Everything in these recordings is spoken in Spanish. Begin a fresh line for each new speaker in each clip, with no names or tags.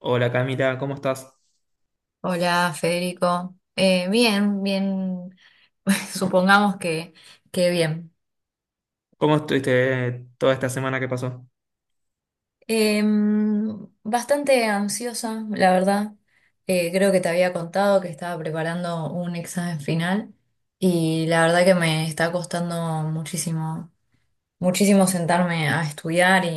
Hola Camila, ¿cómo estás?
Hola, Federico. Bien, bien, supongamos que bien.
¿Cómo estuviste toda esta semana que pasó?
Bastante ansiosa, la verdad. Creo que te había contado que estaba preparando un examen final y la verdad que me está costando muchísimo, muchísimo sentarme a estudiar y,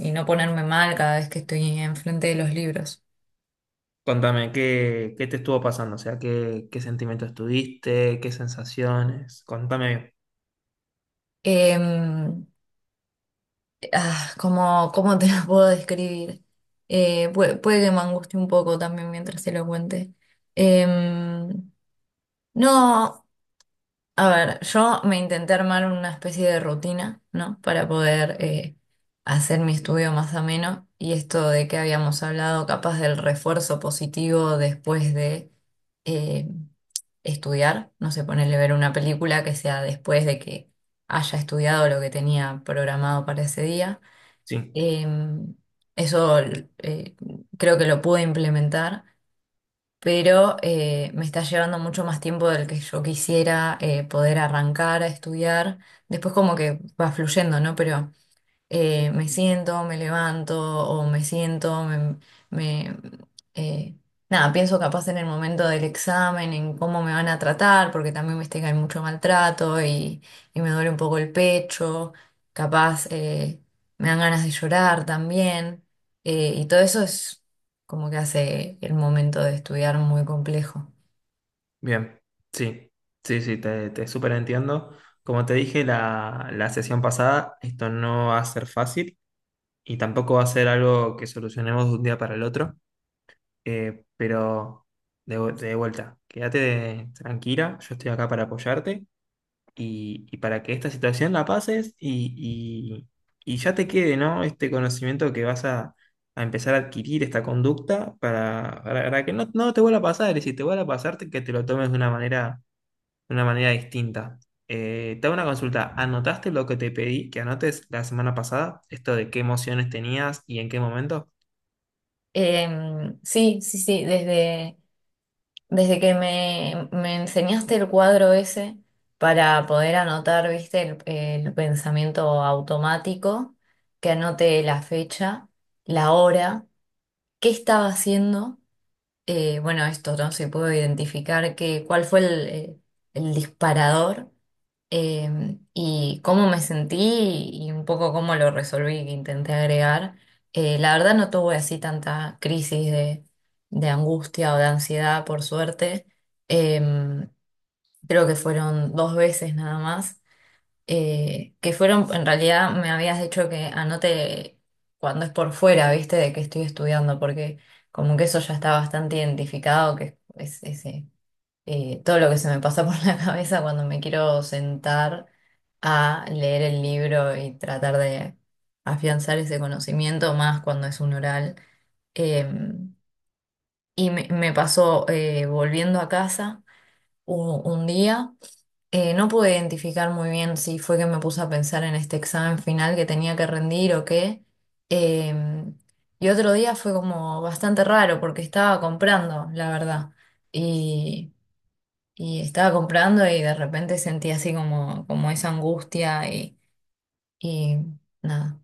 y- y no ponerme mal cada vez que estoy enfrente de los libros.
Contame, ¿qué te estuvo pasando. O sea, ¿qué sentimientos tuviste, ¿qué sensaciones? Contame bien.
Em, Ah, ¿cómo te lo puedo describir? Puede que me angustie un poco también mientras se lo cuente. Em, no, a ver, yo me intenté armar una especie de rutina, ¿no? Para poder hacer mi estudio más ameno y esto de que habíamos hablado, capaz del refuerzo positivo después de eh, estudiar, no sé, ponerle ver una película que sea después de que haya estudiado lo que tenía programado para ese día.
Sí,
Em, Eso eh, creo que lo pude implementar, pero me está llevando mucho más tiempo del que yo quisiera poder arrancar a estudiar. Después como que va fluyendo, ¿no? Pero me siento, me levanto o me siento, me, eh, nada, pienso capaz en el momento del examen, en cómo me van a tratar, porque también viste que hay mucho maltrato y me duele un poco el pecho, capaz me dan ganas de llorar también, y todo eso es como que hace el momento de estudiar muy complejo.
bien. Sí, sí, sí, te súper entiendo. Como te dije la sesión pasada, esto no va a ser fácil y tampoco va a ser algo que solucionemos de un día para el otro. Pero de vuelta, quédate tranquila, yo estoy acá para apoyarte y para que esta situación la pases y ya te quede, ¿no? Este conocimiento que vas a empezar a adquirir, esta conducta, para que no, no te vuelva a pasar, y si te vuelve a pasar, que te lo tomes de una manera distinta. Te hago una consulta. ¿Anotaste lo que te pedí que anotes la semana pasada? Esto de qué emociones tenías y en qué momento.
Sí, sí, sí, desde... Desde que me enseñaste el cuadro ese para poder anotar, viste, el pensamiento automático, que anote la fecha, la hora, qué estaba haciendo bueno, esto, ¿no? Se puedo identificar que, cuál fue el disparador y cómo me sentí y un poco cómo lo resolví, que intenté agregar. La verdad no tuve así tanta crisis de angustia o de ansiedad, por suerte. Em, Creo que fueron dos veces nada más que fueron, en realidad me habías dicho que anote cuando es por fuera, viste, de que estoy estudiando, porque como que eso ya está bastante identificado, que todo lo que se me pasa por la cabeza cuando me quiero sentar a leer el libro y tratar de afianzar ese conocimiento, más cuando es un oral. Em, y me pasó volviendo a casa un día. No pude identificar muy bien si fue que me puse a pensar en este examen final que tenía que rendir o qué. Em, y otro día fue como bastante raro porque estaba comprando, la verdad. Y, y estaba comprando y de repente sentí así como, como esa angustia y nada.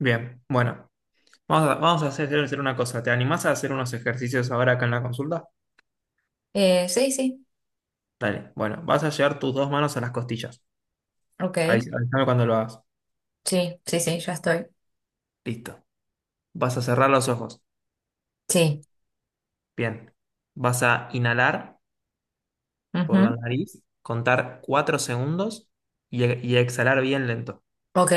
Bien, bueno, vamos a hacer una cosa. ¿Te animás a hacer unos ejercicios ahora acá en la consulta?
Sí, sí,
Dale, bueno, vas a llevar tus dos manos a las costillas. Ahí,
ok.
avísame cuando lo hagas.
Sí, sí, sí, ya estoy.
Listo. Vas a cerrar los ojos.
Sí.
Bien. Vas a inhalar por la
Ujú.
nariz, contar 4 segundos y exhalar bien lento.
Ok,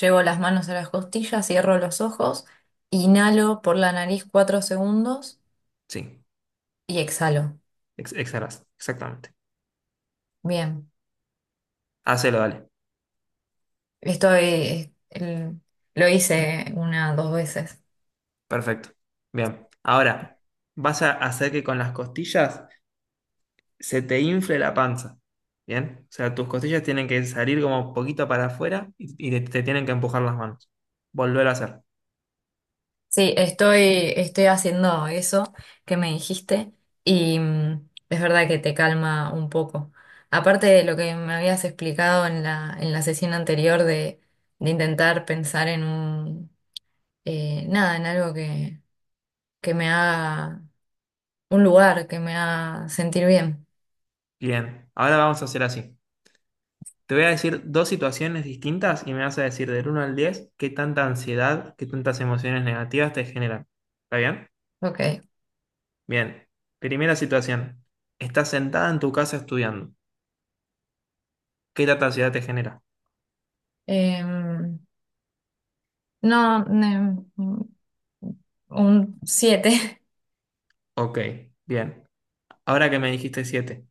llevo las manos a las costillas, cierro los ojos, inhalo por la nariz cuatro segundos.
Sí,
Y exhalo.
exhalas. Exactamente.
Bien.
Hacelo, dale.
Estoy, el- lo hice una, dos veces.
Perfecto. Bien. Ahora, vas a hacer que con las costillas se te infle la panza. Bien. O sea, tus costillas tienen que salir como un poquito para afuera y te tienen que empujar las manos. Volver a hacer.
Sí, estoy, estoy haciendo eso que me dijiste y mm, es verdad que te calma un poco. Aparte de lo que me habías explicado en en la sesión anterior de intentar pensar en un, nada, en algo que me haga, un lugar que me haga sentir bien.
Bien. Ahora vamos a hacer así. Te voy a decir dos situaciones distintas y me vas a decir del uno al 10 qué tanta ansiedad, qué tantas emociones negativas te generan. ¿Está bien?
Ok.
Bien. Primera situación. Estás sentada en tu casa estudiando. ¿Qué tanta ansiedad te genera?
Em, no, ne- Un siete.
Ok, bien. Ahora que me dijiste 7,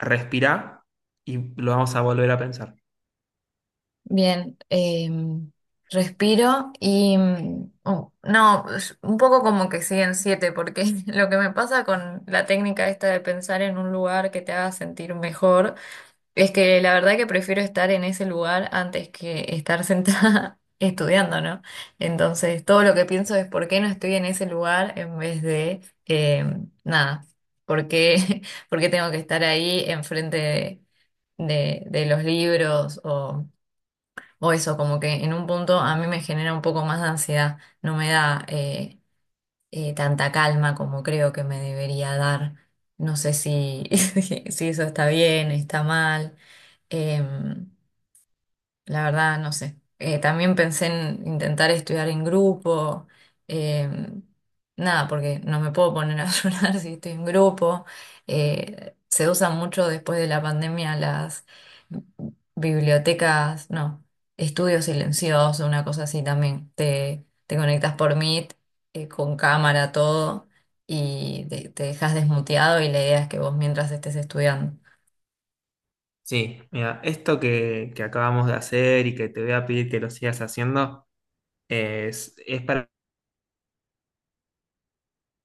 respirá y lo vamos a volver a pensar.
Bien. Respiro y... mm, oh, no, es un poco como que siguen 7 porque lo que me pasa con la técnica esta de pensar en un lugar que te haga sentir mejor, es que la verdad que prefiero estar en ese lugar antes que estar sentada estudiando, ¿no? Entonces, todo lo que pienso es por qué no estoy en ese lugar en vez de... nada. ¿Por qué, por qué tengo que estar ahí enfrente de de los libros o eso, como que en un punto a mí me genera un poco más de ansiedad, no me da tanta calma como creo que me debería dar. No sé si, si eso está bien, está mal. Em, la verdad, no sé. También pensé en intentar estudiar en grupo. eh, Nada, porque no me puedo poner a llorar si estoy en grupo. Se usan mucho después de la pandemia las bibliotecas, no, estudio silencioso, una cosa así también. Te conectas por Meet, con cámara, todo, y te dejas desmuteado y la idea es que vos mientras estés estudiando.
Sí, mira, esto que acabamos de hacer y que te voy a pedir que lo sigas haciendo es para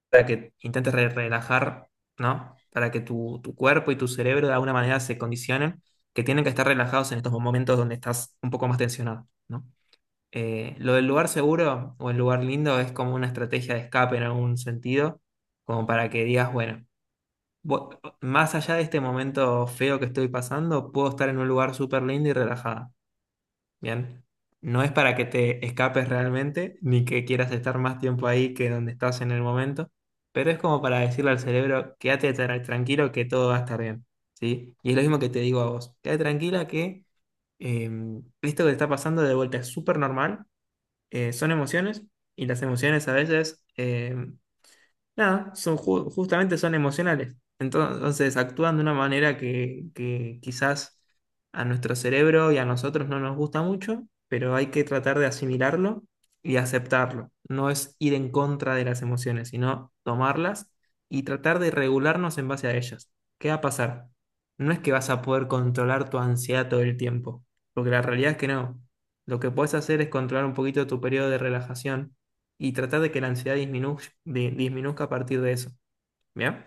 para que intentes relajar, ¿no? Para que tu cuerpo y tu cerebro de alguna manera se condicionen, que tienen que estar relajados en estos momentos donde estás un poco más tensionado, ¿no? Lo del lugar seguro o el lugar lindo es como una estrategia de escape en algún sentido, como para que digas, bueno, más allá de este momento feo que estoy pasando, puedo estar en un lugar súper lindo y relajada. Bien. No es para que te escapes realmente, ni que quieras estar más tiempo ahí que donde estás en el momento, pero es como para decirle al cerebro: quédate tranquilo que todo va a estar bien, ¿sí? Y es lo mismo que te digo a vos, quédate tranquila que eh, esto que te está pasando de vuelta es súper normal. Son emociones, y las emociones a veces nada, son, justamente son emocionales. Entonces actúan de una manera que quizás a nuestro cerebro y a nosotros no nos gusta mucho, pero hay que tratar de asimilarlo y aceptarlo. No es ir en contra de las emociones, sino tomarlas y tratar de regularnos en base a ellas. ¿Qué va a pasar? No es que vas a poder controlar tu ansiedad todo el tiempo, porque la realidad es que no. Lo que puedes hacer es controlar un poquito tu periodo de relajación y tratar de que la ansiedad disminuzca a partir de eso. ¿Bien?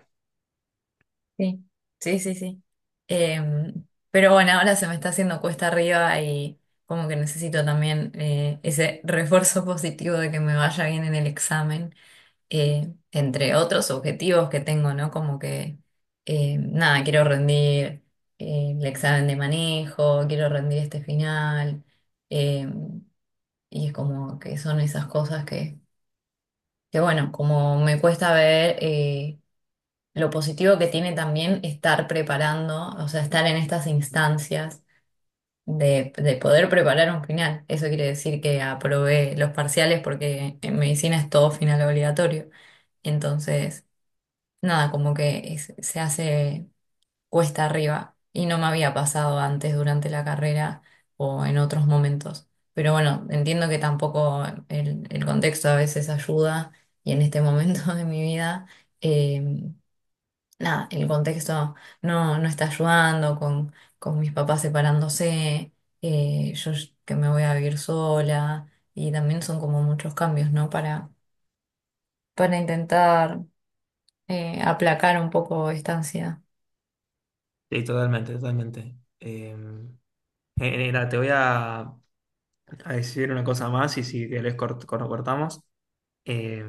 Sí, sí, sí, sí. Em, pero bueno, ahora se me está haciendo cuesta arriba y como que necesito también ese refuerzo positivo de que me vaya bien en el examen, entre otros objetivos que tengo, ¿no? Como que, nada, quiero rendir el examen de manejo, quiero rendir este final, em, y es como que son esas cosas que bueno, como me cuesta ver... lo positivo que tiene también estar preparando, o sea, estar en estas instancias de poder preparar un final. Eso quiere decir que aprobé los parciales porque en medicina es todo final obligatorio. Entonces, nada, como que es- se hace cuesta arriba y no me había pasado antes durante la carrera o en otros momentos. Pero bueno, entiendo que tampoco el contexto a veces ayuda y en este momento de mi vida. eh, Nada, el contexto no, no está ayudando con mis papás separándose, yo sh- que me voy a vivir sola, y también son como muchos cambios, ¿no? Para intentar aplacar un poco esta ansiedad.
Sí, totalmente, totalmente. Eh, Mira, te voy a decir una cosa más y si querés cortamos. Eh,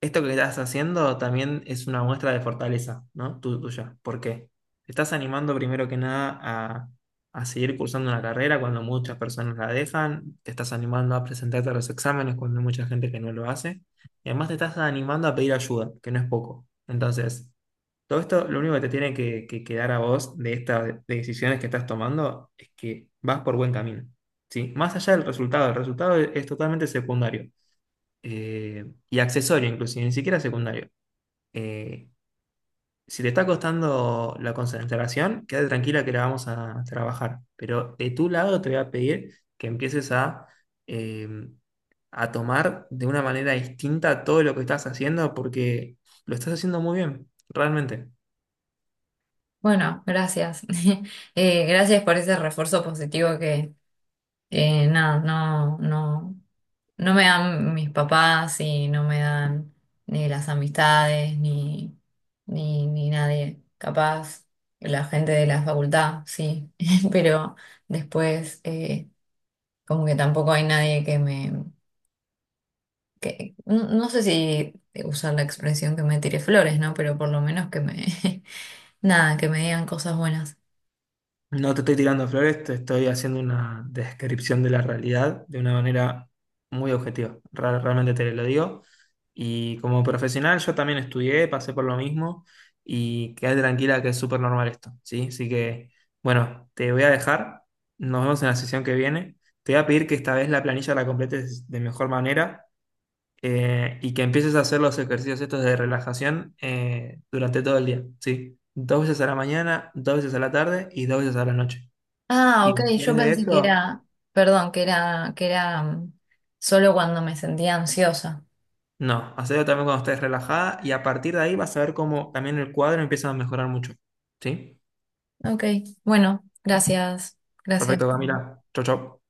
Esto que estás haciendo también es una muestra de fortaleza, ¿no? Tuya. ¿Por qué? Te estás animando primero que nada a seguir cursando una carrera cuando muchas personas la dejan, te estás animando a presentarte a los exámenes cuando hay mucha gente que no lo hace, y además te estás animando a pedir ayuda, que no es poco. Entonces, todo esto, lo único que te tiene que quedar a vos de estas decisiones que estás tomando es que vas por buen camino, ¿sí? Más allá del resultado, el resultado es totalmente secundario, y accesorio inclusive, ni siquiera secundario. Eh, si te está costando la concentración, quédate tranquila que la vamos a trabajar, pero de tu lado te voy a pedir que empieces eh, a tomar de una manera distinta todo lo que estás haciendo porque lo estás haciendo muy bien, realmente.
Bueno, gracias. Gracias por ese refuerzo positivo que nada, no, no. No me dan mis papás y no me dan ni las amistades, ni, ni, ni nadie. Capaz la gente de la facultad, sí, pero después como que tampoco hay nadie que me... que- no, no sé si usar la expresión que me tire flores, ¿no? Pero por lo menos que me... Nada, que me digan cosas buenas.
No te estoy tirando flores, te estoy haciendo una descripción de la realidad de una manera muy objetiva. Realmente te lo digo. Y como profesional yo también estudié, pasé por lo mismo y quedé tranquila que es súper normal esto, ¿sí? Así que, bueno, te voy a dejar. Nos vemos en la sesión que viene. Te voy a pedir que esta vez la planilla la completes de mejor manera, y que empieces a hacer los ejercicios estos de relajación durante todo el día, ¿sí? Dos veces a la mañana, dos veces a la tarde y dos veces a la noche.
Ah,
Y
ok, yo
después de
pensé que
esto,
era... Perdón, que era mm, solo cuando me sentía ansiosa.
no, hacelo también cuando estés relajada y a partir de ahí vas a ver cómo también el cuadro empieza a mejorar mucho. ¿Sí?
Ok, bueno, gracias, gracias.
Perfecto, Camila. Chau, chau.